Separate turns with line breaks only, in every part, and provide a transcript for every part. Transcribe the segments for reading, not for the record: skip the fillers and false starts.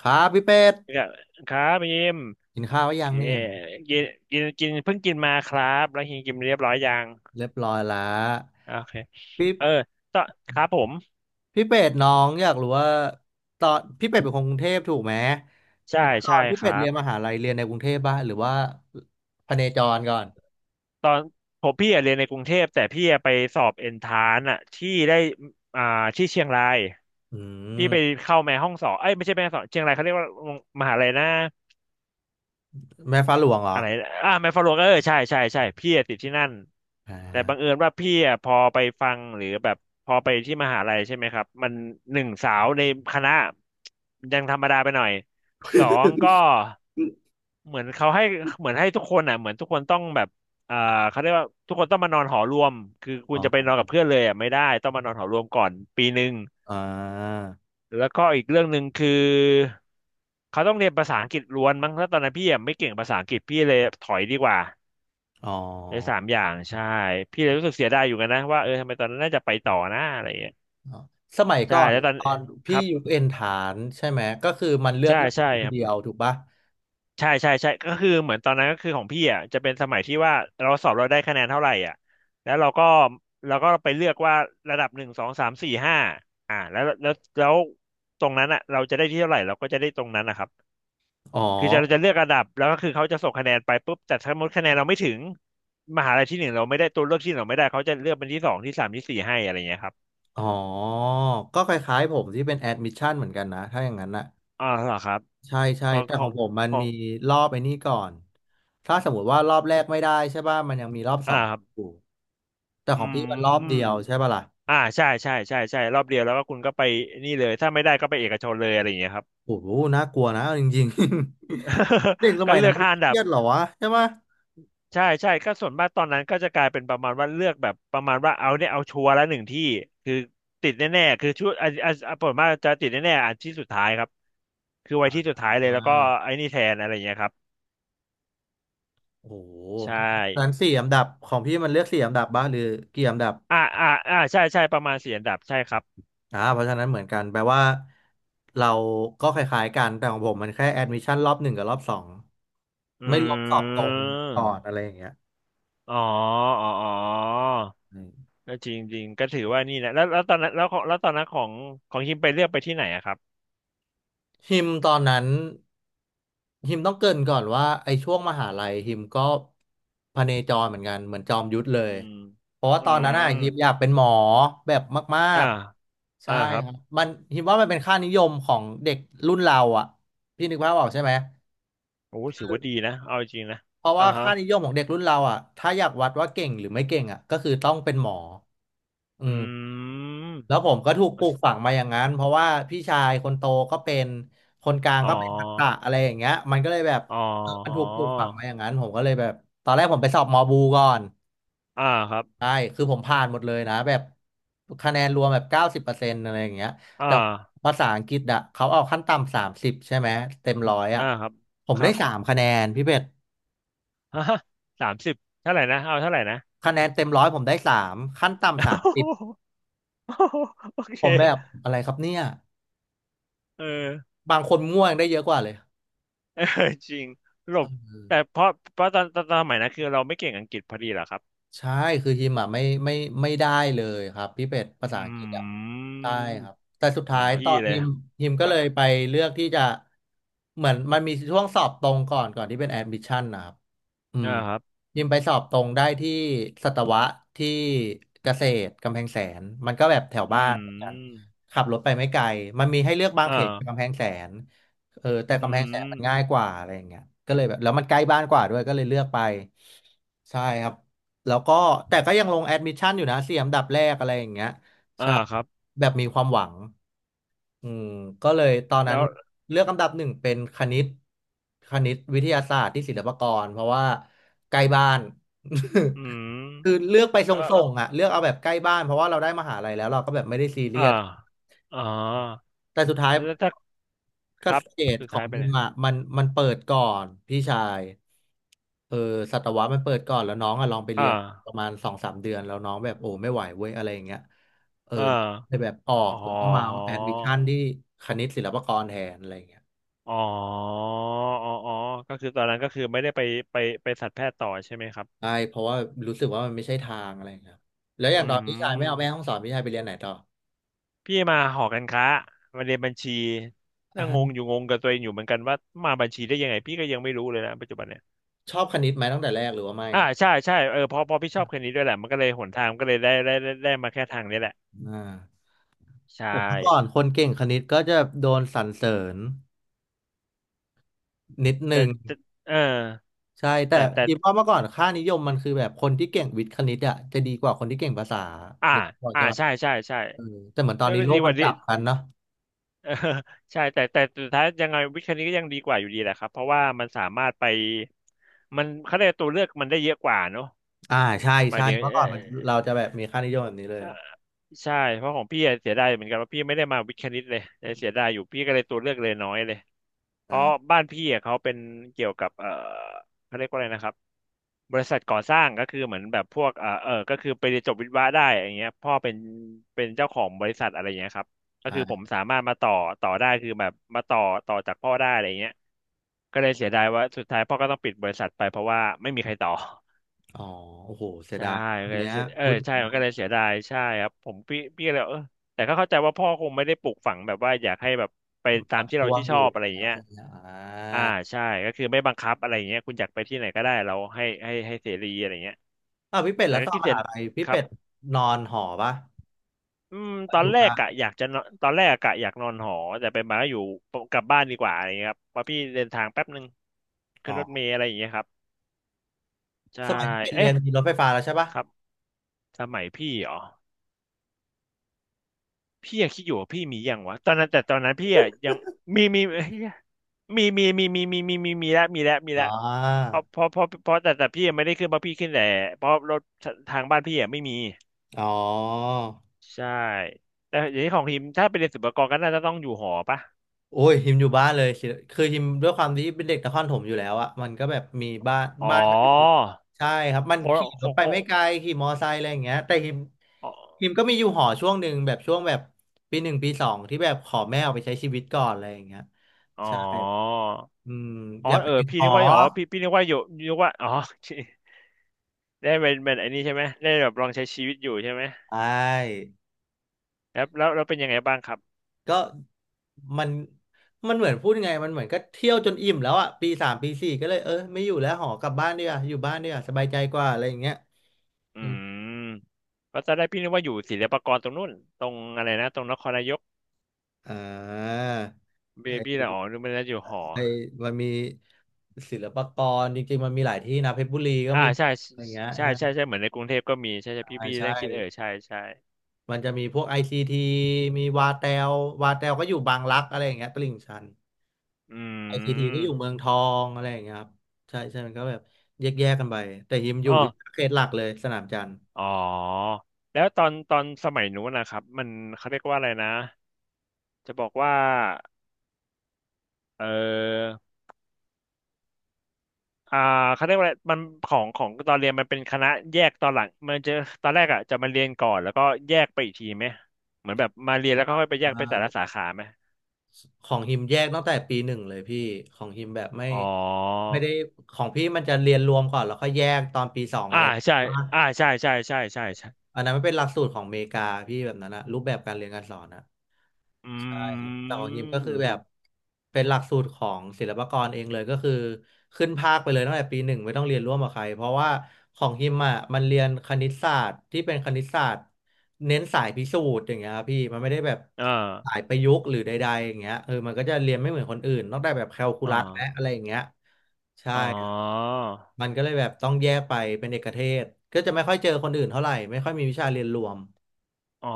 ครับพี่เป็ด
ครับครับยิม
กินข้าวหรื
โอ
อยั
เค
งเนี่ย
กินกินกินเพิ่งกินมาครับแล้วกินกินเรียบร้อยยัง
เรียบร้อยแล้ว
โอเค
พี่
เออตอนครับผม
พี่เป็ดน้องอยากรู้ว่าตอนพี่เป็ดเป็นคนกรุงเทพถูกไหม
ใช่
แล้วตอ
ใช่
นพี่
ค
เป็
รั
ดเรียนม
บ
หาลัยเรียนในกรุงเทพป่ะหรือว่าพเนจรก่อน
ตอนผมพี่อะเรียนในกรุงเทพแต่พี่อะไปสอบเอนทรานอะที่ได้อ่าที่เชียงราย
อื
พี่ไป
ม
เข้าแม่ห้องสอนเอ้ยไม่ใช่แม่ห้องสอนเชียงรายเขาเรียกว่ามหาลัยนะ
แม่ฟ้าหลวงเหรอ
อะไรอ่าแมฟฟาโลก็เออใช่ใช่ใช่พี่อะติดที่นั่น
อ่
แต่บังเอิ
า
ญว่าพี่อะพอไปฟังหรือแบบพอไปที่มหาลัยใช่ไหมครับมันหนึ่งสาวในคณะยังธรรมดาไปหน่อยสองก็เหมือนเขาให้เหมือนให้ทุกคนอ่ะเหมือนทุกคนต้องแบบอ่าเขาเรียกว่าทุกคนต้องมานอนหอรวมคือคุ
อ๋
ณ
อ
จะไปนอนกับเพื่อนเลยอ่ะไม่ได้ต้องมานอนหอรวมก่อนปีหนึ่ง
อ่า
แล้วก็อีกเรื่องหนึ่งคือเขาต้องเรียนภาษาอังกฤษล้วนมั้งแล้วตอนนั้นพี่อะไม่เก่งภาษาอังกฤษพี่เลยถอยดีกว่า
อ๋อ
ในสามอย่างใช่พี่เลยรู้สึกเสียดายอยู่กันนะว่าเออทำไมตอนนั้นน่าจะไปต่อนะอะไรอย่างเงี้ย
อ๋อสมัย
ใช่
ก่อน
แล้วตอน
ตอน
ค
พี่
รับ
อยู่เอ็นฐานใช่ไหมก็คือมันเลือก
ใช่
ได้
ใช่
คน
ครับ
เดียวถูกป่ะ
ใช่ใช่ใช่ก็คือเหมือนตอนนั้นก็คือของพี่อ่ะจะเป็นสมัยที่ว่าเราสอบเราได้คะแนนเท่าไหร่อ่ะแล้วเราก็เราก็ไปเลือกว่าระดับหนึ่งสองสามสี่ห้าอ่าแล้วตรงนั้นอ่ะเราจะได้ที่เท่าไหร่เราก็จะได้ตรงนั้นนะครับ
อ๋อ
คือจะเราจะเลือกระดับแล้วก็คือเขาจะส่งคะแนนไปปุ๊บแต่ถ้าสมมติคะแนนเราไม่ถึงมหาลัยที่หนึ่งเราไม่ได้ตัวเลือกที่หนึ่งเราไม่ได้เขาจะเลือกเป็นที่สองที่สามที่สี่ให้อะไรเงี้ยครับ
อ๋อ ก็คล้ายๆผมที่เป็นแอดมิชชั่นเหมือนกันนะ ถ้าอย่างนั้นนะ
อ่าเหรอครับ
ใช่ใช่
ของ
แต่
ขอ
ของ
ง
ผมมัน
ขอ
มี
ง
รอบไอ้นี่ก่อน ถ้าสมมติว่ารอบแรกไม่ได้ใช่ป่ะ มันยังมีรอบส
อ่า
อง
ครับ
อยู่แต่
อื
ของพี่
ม
มันรอบเดียวใช่ป่ะล่ะ
อ่าใช่ใช่ใช่ใช่รอบเดียวแล้วก็คุณก็ไปนี่เลยถ้าไม่ได้ก็ไปเอกชนเลยอะไรอย่างเงี้ยครับ
โอ้โหน่ากลัวนะเอาจริงๆ เด็กส
ก็
มัย
เลื
นั้
อ
น
ก
ไม่
ห้า
เค
อันดั
รี
บ
ยดเหรอวะใช่ป่ะ
ใช่ใช่ก็ส่วนมากตอนนั้นก็จะกลายเป็นประมาณว่าเลือกแบบประมาณว่าเอาเนี่ยเอาชัวร์ละหนึ่งที่คือติดแน่ๆคือชุดอ่ะอ่ะอ่ะผลมว่ากจะติดแน่ๆอันที่สุดท้ายครับคือไว้ที่สุดท้ายเล
อ่
ยแล้วก็
า
ไอ้นี่แทนอะไรอย่างเงี้ยครับ
โอ้โห
ใช่
นั้นสี่อันดับของพี่มันเลือกสี่อันดับบ้างหรือกี่อันดับ
อ่าอ่าอ่าใช่ใช่ประมาณสี่อันดับใช่ครับ
อ่าเพราะฉะนั้นเหมือนกันแปลว่าเราก็คล้ายๆกันแต่ของผมมันแค่แอดมิชชั่นรอบหนึ่งกับรอบสอง
อ
ไม่รวมสอบ
ื
ตรงก่อนอะ
ม
ไรอย่างเงี้ย
อ๋ออ๋ออ๋อ
อืม
ก็จริงจริงก็ถือว่านี่แหละแล้วแล้วตอนนั้นแล้วของแล้วตอนนั้นของฮิมไปเลือกไปที่ไหนอะครับ
ฮิมตอนนั้นฮิมต้องเกริ่นก่อนว่าไอ้ช่วงมหาลัยฮิมก็พเนจรเหมือนกันเหมือนจอมยุทธเลย
อืม
เพราะว่า
อื
ตอนนั้นอ่ะ
ม
ฮิมอยากเป็นหมอแบบมา
อ่า
กๆ
อ่า
ใช่
ครับ
ครับมันฮิมว่ามันเป็นค่านิยมของเด็กรุ่นเราอ่ะพี่นึกภาพออกใช่ไหม
โอ้ถือว่าดีนะเอาจริงนะ
เพราะ
อ่า
ว่า
ฮะ
ค่านิยมของเด็กรุ่นเราอ่ะถ้าอยากวัดว่าเก่งหรือไม่เก่งอ่ะก็คือต้องเป็นหมอ
อ
อืม
ืม
แล้วผมก็ถูกปลูกฝังมาอย่างนั้น เพราะว่าพี่ชายคนโตก็เป็น คนกลาง
อ๋
ก็เป็นทักษะ
อ
อะไรอย่างเงี้ยมันก็เลยแบบ
อ๋อ
เออมันถูกปลูกฝังมาอย่างนั้นผมก็เลยแบบตอนแรกผมไปสอบมอบูก่อน
อ่าครับ
ใช่คือผมผ่านหมดเลยนะแบบคะแนนรวมแบบ90%อะไรอย่างเงี้ย
อ่า
แต่ภาษาอังกฤษอ่ะเขาเอาขั้นต่ำ30ใช่ไหมเต็มร้อยอ่ะ
อ่าครับ
ผม
ค
ได้
รับ
3 คะแนนพี่เป็ด
ฮะ30เท่าไหร่นะเอาเท่าไหร่นะ
คะแนนเต็มร้อยผมได้สามขั้นต่ำสาม
โอเค
ผมแบบอะไรครับเนี่ย
เออ
บางคนง่วงได้เยอะกว่าเลย
เออ จริงหลบ
เออ
แต่เพราะตอนสมัยนั้นคือเราไม่เก่งอังกฤษพอดีเหรอครับ
ใช่ คือฮิมอ่ะไม่ได้เลยครับพี่เป็ดภาษา
อ
อังกฤษอ่ะ
ืม
ใช่ครับแต่สุด
เหมื
ท้า
อน
ยต
พี่
อน
เลย
ฮิมฮิม
ค
ก็
รั
เล
บ
ยไปเลือกที่จะเหมือนมันมีช่วงสอบตรงก่อนก่อนที่เป็นแอดมิชชั่นนะครับอืม
อ่าครับ
ฮิมไปสอบตรงได้ที่สัตวะที่เกษตรกำแพงแสนมันก็แบบแถว
อื
บ้านเหมือนกัน
ม
ขับรถไปไม่ไกลมันมีให้เลือกบาง
อ่า
เขตกำแพงแสนเออแต่
อื
กำแพงแสนมันง่าย
ม
กว่าอะไรอย่างเงี้ยก็เลยแบบแล้วมันใกล้บ้านกว่าด้วยก็เลยเลือกไปใช่ครับ แล้วก็แต่ก็ยังลงแอดมิชชั่นอยู่นะสี่อันดับแรกอะไรอย่างเงี้ย
อ่าครับ
แบบมีความหวังอืมก็เลยตอนนั้
แล้
น
ว
เลือกอันดับหนึ่งเป็นคณิตคณิตวิทยาศาสตร์ที่ศิลปากรเพราะว่าใกล้บ้าน
อื
คือ
ม
เลือกไปส่ง
อ่า
ๆอ่ะเลือกเอาแบบใกล้บ้านเพราะว่าเราได้มหาลัยแล้วเราก็แบบไม่ได้ซีเรี
อ่า
ยส
อ๋อ
แต่สุดท้าย
แล้วถ้าค
ก็
รั
ส
บ
เตจ
สุด
ขอ
ท้าย
ง
ไป
ยิ
ไหน
มอ่ะมันเปิดก่อนพี่ชายเออสัตวะมันเปิดก่อนแล้วน้องอะลองไปเรี
อ่า
ยนประมาณสองสามเดือนแล้วน้องแบบโอ้ไม่ไหวเว้ยอะไรอย่างเงี้ยเออ
อ่า
เลยแบบออก
อ๋อ
แล้วก็มาแอดมิชชั่นที่คณิตศิลปากรแทนอะไรอย่างเงี้ย
อ๋ออ๋ออ๋อก็คือตอนนั้นก็คือไม่ได้ไปไปไปสัตวแพทย์ต่อใช่ไหมครับ
ใช่เพราะว่ารู้สึกว่ามันไม่ใช่ทางอะไรอย่างเงี้ยครับแล้วอ
อื
ย่างตอนพี่ชายไม่เอาแม่ห้อง
ม
สอนพี่ชายไปเรียนไหนต่อ
พี่มาหอการค้ามาเรียนบัญชี
อ่
น่างงอ
า
ยู่งงกับตัวเองอยู่เหมือนกันว่ามาบัญชีได้ยังไงพี่ก็ยังไม่รู้เลยนะปัจจุบันเนี่ย
ชอบคณิตไหมตั้งแต่แรกหรือว่าไม่
อ่าใช่ใช่เออพอพี่ชอบคนนี้ด้วยแหละมันก็เลยหนทางก็เลยได้มาแค่ทางนี้แหละ
อ่า
ใช่
แต่เมื่อก่อนคนเก่งคณิตก็จะโดนสรรเสริญนิดนึ
แต่
ง
แต่เออ
ใช่แต่
แต่
คิดว่าเมื่อก่อนค่านิยมมันคือแบบคนที่เก่งวิทย์คณิตอะจะดีกว่าคนที่เก่งภาษา
อ่า
นึกออก
อ่า
ใช่ปะ
ใช่ใช่ใช่
เออแต่เหมือนตอน
ก็
นี้
ก็
โล
ดี
ก
ก
มัน
ว่า
ก
ดี้
ลับกันเนาะ
เออ ใช่แต่แต่แต่สุดท้ายยังไงวิชานี้ก็ยังดีกว่าอยู่ดีแหละครับเพราะว่ามันสามารถไปมันเขาเรียกตัวเลือกมันได้เยอะกว่าเนอะ
อ่าใช่
หมา
ใช่
ยถึง
เมื่อ
เอ
ก่อ
อ
นมันเราจะแบบมีค่านิยมแบบนี้เลย
ใช่เพราะของพี่อะเสียดายเหมือนกันว่าพี่ไม่ได้มาวิทย์คณิตเลยเลยงเสียดายอยู่พี่ก็เลยตัวเลือกเลยน้อยเลยเพราะ
อ่า
บ้านพี่อะเขาเป็นเกี่ยวกับเออเขาเรียกว่าอะไรนะครับบริษัทก่อสร้างก็คือเหมือนแบบพวกเออเออก็คือไปเรียนจบวิศวะได้อย่างเงี้ยพ่อเป็นเจ้าของบริษัทอะไรอย่างเงี้ยครับก็คือผม
อ่า
สามารถมาต่อต่อได้คือแบบมาต่อจากพ่อได้อะไรอย่างเงี้ยก็เลยเสียดายว่าสุดท้ายพ่อก็ต้องปิดบริษัทไปเพราะว่าไม่มีใครต่อ
อ๋อโอ้โหเสีย
ใช่
ดายตอ
มั
น
นก็เล
เนี้
ย
ย
เสียเออ
พูดถึง
ใช่มั
ว่า
นก็เลยเสียดายใช่ครับผมพี่ก็เลยแต่ก็เข้าใจว่าพ่อคงไม่ได้ปลูกฝังแบบว่าอยากให้แบบไป
มัน
ตา
อั
ม
บ
ที่เรา
ท่วง
ที่
อ
ชอ
ยู่
บอะไรอย่า
แล้
ง
ว
เงี้ย
ใช่ไหมอ่
อ่า
า
ใช่ก็คือไม่บังคับอะไรอย่างเงี้ยคุณอยากไปที่ไหนก็ได้เราให้เสรีอะไรเงี้ย
อ้าวพี่เป็ด
แต่
แล้ว
ก็
ตอน
คิด
ม
เสร็จ
หาลัยพี่
ครั
เป็
บ
ดนอนหอปะ
อืมตอ
อ
น
ยู่
แรก
ปะ
อะอยากจะนอนตอนแรกอะกะอยากนอนหอแต่ไปมาก็อยู่กลับบ้านดีกว่าอะไรเงี้ยครับเพราะพี่เดินทางแป๊บนึง
อ๋
ขึ้น
อ
รถเมล์อะไรอย่างเงี้ยครับใช่
สมัยพี่เป็ดเรีย
เอ๊ะ
นมีรถไฟฟ้าแล้วใช่ปะ
ครับสมัยพี่เหรอ พี่ยังคิดอยู่ว่าพี่มียังวะตอนนั้นแต่ตอนนั้นพี่อะยังมีเหี้ยมีแล้วมีแล้วมี
อ่
แล้ว
า
เพราะเพราะเพราะเพราะแต่พี่ยังไม่ได้ขึ้นเพราะพี่ขึ้นแต่เพราะรถทางบ้านพี่อะไม่มี
อ๋อ
ใช่แต่อย่างนี้ของทีมถ้าไปเรียนศุลกากรก็น่าจะต้องอยู่หอปะ
โอ้ยฮิมอยู่บ้านเลยคือฮิมด้วยความที่เป็นเด็กนครถมอยู่แล้วอะมันก็แบบมีบ้าน
อ๋อ
บ้านก็อยู่ใช่ครับมัน
โค
ขี่
โค
รถไป
โค
ไม่ไกลขี่มอไซค์อะไรอย่างเงี้ยแต่ฮิม
อ๋อ
ฮิมก็มีอยู่หอช่วงหนึ่งแบบช่วงแบบปีหนึ่งปีสองที่แบบขอแม่ออกไปใช้ชีวิตก่อนอะไรอย่างเงี้ย
อ๋
ใช่
อ
อืม
อ๋
อ
อ
ยากไปติด
พี่
หอ
นึกว่าอ๋อพี่นึกว่าอยู่นึกว่าอ๋อ ได้เป็นไอ้นี่ใช่ไหมได้แบบลองใช้ชีวิตอยู่ใช่ไหม
ใช่
แล้วเป็นยังไงบ้างครับ
ก็มันมันเหมือนพูดยังไงมันเหมือนก็เที่ยวจนอิ่มแล้วอะปีสามปีสี่ก็เลยเออไม่อยู่แล้วหอกลับบ้านดีกว่าอยู่บ้านดีกว่าสบายใจกว่าอะไรอย่างเงี้ย
อื
อื
มก็จะได้พี่นึกว่าอยู่ศิลปากรตรงนู้นตรงอะไรนะตรงนครนายก
อ่า
เบบี้ละ
ไอ
อ๋อนึกว่าน่จะอยู่หอ
ไอมันมีศิลปากรจริงๆมันมีหลายที่นะเพชรบุรีก็
อ่า
มี
ใช่
อะไรเงี้ย
ใช่
ฮะ
ใช่ใช่ใช่เหมือนในกรุงเทพก็มีใช่พี่
อ่า
พี่
ใช่
นั่งคิดใช่
มันจะมีพวกไอซีทีมีวาแตววาแตวก็อยู่บางรักอะไรอย่างเงี้ยตลิ่งชัน
อื
ไอซีทีก็
ม
อยู่เมืองทองอะไรอย่างเงี้ยครับใช่ใช่มันก็แบบแยกกันไปแต่ฮิมอยู่
อ๋อ
วิทยาเขตหลักเลยสนามจันทร์
อ๋อแล้วตอนสมัยนู้นนะครับมันเขาเรียกว่าอะไรนะจะบอกว่าเออ อ่าเขาเรียกว่าอะไรมันของตอนเรียนมันเป็นคณะแยกตอนหลังมันจะตอนแรกอ่ะจะมาเรียนก่อนแล้วก็แยกไปอีกทีไหมเหมือนแบบมาเรียนแล้วก็ค่อยไปแยกไปแต่ละ
อ่า
สาขาไหม
ของฮิมแยกตั้งแต่ปีหนึ่งเลยพี่ของฮิมแบบไม่
อ๋อ
ไม่ได้ของพี่มันจะเรียนรวมก่อนแล้วค่อยแยกตอนปีสอง
อ่า
อะไร
ใช่
ว่า
อ่าใช่
อันนั้นมันเป็นหลักสูตรของอเมริกาพี่แบบนั้นนะรูปแบบการเรียนการสอนนะ
อื
แต่ของฮิมก็คือแบบ
ม
เป็นหลักสูตรของศิลปากรเองเลยก็คือขึ้นภาคไปเลยตั้งแต่ปีหนึ่งไม่ต้องเรียนร่วมกับใครเพราะว่าของฮิมอ่ะมันเรียนคณิตศาสตร์ที่เป็นคณิตศาสตร์เน้นสายพิสูจน์อย่างเงี้ยครับพี่มันไม่ได้แบบ
อ่า
สายประยุกต์หรือใดๆอย่างเงี้ยเออมันก็จะเรียนไม่เหมือนคนอื่นนอกจากแบบแคลคู
อ่
ลัสและอะ
า
ไรอย่างเงี้ยใช่
อ๋อ
ครับมันก็เลยแบบต้องแยกไปเป็นเอกเทศก็จะไม่ค่อยเจอคนอื่นเท่าไหร่ไม่ค่อยมีวิชาเรียนรวม
อ๋อ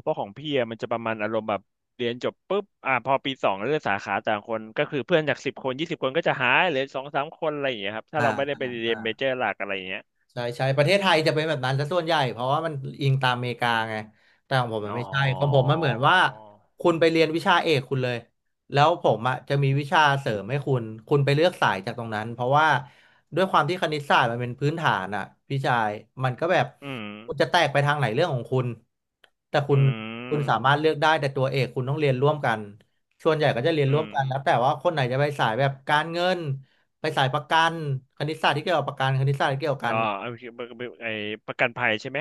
เพราะของพี่อะมันจะประมาณอารมณ์แบบเรียนจบปุ๊บอ่าพอปีสองเลือกสาขาต่างคนก็คือเพื่อนจากสิบคนยี่สิบคนก็จะหายเหลือสองสามคนอะไรอย่างเงี้ยครับถ้า
อ่า
เราไม่ได้ไปเรี
อ่า
ยนเมเจอร์หลักอะไรอย่างเงี้ย
ใช่ใช่ประเทศไทยจะเป็นแบบนั้นซะส่วนใหญ่เพราะว่ามันอิงตามอเมริกาไงแต่ของผมมัน
อ๋
ไม่ใช่ของผม
อ
มันเหมือนว่าคุณไปเรียนวิชาเอกคุณเลยแล้วผมอ่ะจะมีวิชาเสริมให้คุณคุณไปเลือกสายจากตรงนั้นเพราะว่าด้วยความที่คณิตศาสตร์มันเป็นพื้นฐานอ่ะพี่ชายมันก็แบบ
อืม
คุณจะแตกไปทางไหนเรื่องของคุณแต่คุ
อื
ณคุณสา
ม
มารถเลือกได้แต่ตัวเอกคุณต้องเรียนร่วมกันส่วนใหญ่ก็จะเรียนร่
อื
วม
ม
กันแล้วแต่ว่าคนไหนจะไปสายแบบการเงินไปสายประกันคณิตศาสตร์ที่เกี่ยวกับประกันคณิตศาสตร์ที่เกี่ยวกั
อ๋อ
น
เอาไอ้ประกันภัยใช่ไหม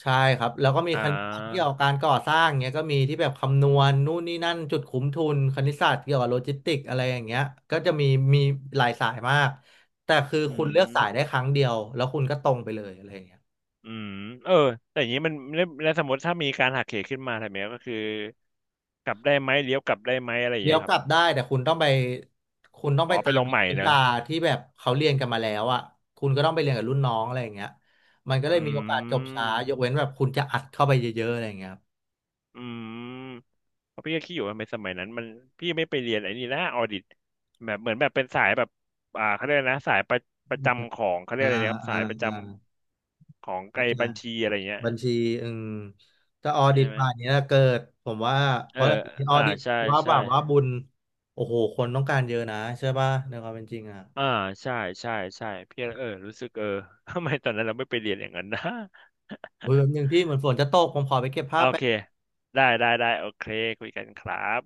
ใช่ครับแล้วก็มี
อ่
คณิตศาสตร์เกี่ยว
า
กับการก่อสร้างเนี้ยก็มีที่แบบคำนวณนู่นนี่นั่นจุดคุ้มทุนคณิตศาสตร์เกี่ยวกับโลจิสติกอะไรอย่างเงี้ยก็จะมีหลายสายมากแต่คือ
อื
คุณเลือก
ม
สายได้ครั้งเดียวแล้วคุณก็ตรงไปเลยอะไรอย่างเงี้ย
อืมเออแต่อย่างนี้มันแล้วสมมติถ้ามีการหักเหขึ้นมาทำไงก็คือกลับได้ไหมเลี้ยวกลับได้ไหมอะไรอย่าง
เดี๋ย
เงี้
ว
ยค
ก
รับ
ลับได้แต่คุณต้องไปคุณต้อง
อ๋
ไป
อไป
ตา
ล
ม
งใหม่
วิ
เนอะ
ชาที่แบบเขาเรียนกันมาแล้วอ่ะคุณก็ต้องไปเรียนกับรุ่นน้องอะไรอย่างเงี้ยมันก็เล
อ
ยมีโอกาส
ื
จบช้ายกเว้น
ม
แบบคุณจะอัดเข้าไปเยอะๆอะไรอย่างเงี้ยครับ
อืมเพราะพี่ก็คิดอยู่ว่าในสมัยนั้นมันพี่ไม่ไปเรียนไอ้นี่นะออดิตแบบเหมือนแบบเป็นสายแบบเขาเรียกอะไรนะสายประจำของเขาเรีย
อ่า
กอะไรนะครับ
อ่า
สายประจ
อ่า
ำของ
เข้า
ไอ้
ใจ
บัญชีอะไรเงี้ย
บัญชีอืมจะออ
ใช่
ดิต
ไหม
ป่านเนี้ยเกิดผมว่าเพ
เออ
ราะออ
อ่า
ดิต
ใช่
ว่าแบ
ใช่
บว่าบุญโอ้โหคนต้องการเยอะนะใช่ป่ะในความเป็นจริงอ่ะ
อ่าใช่ใช่ใช่พี่รู้สึก ทำไมตอนนั้นเราไม่ไปเรียนอย่างนั้นนะ
อุ้ยแบบนึง พี่เหมือนฝนจะตกผมขอไปเก็บ
โอ
ผ้าแป๊
เค
บ
ได้โอเคคุยกันครับ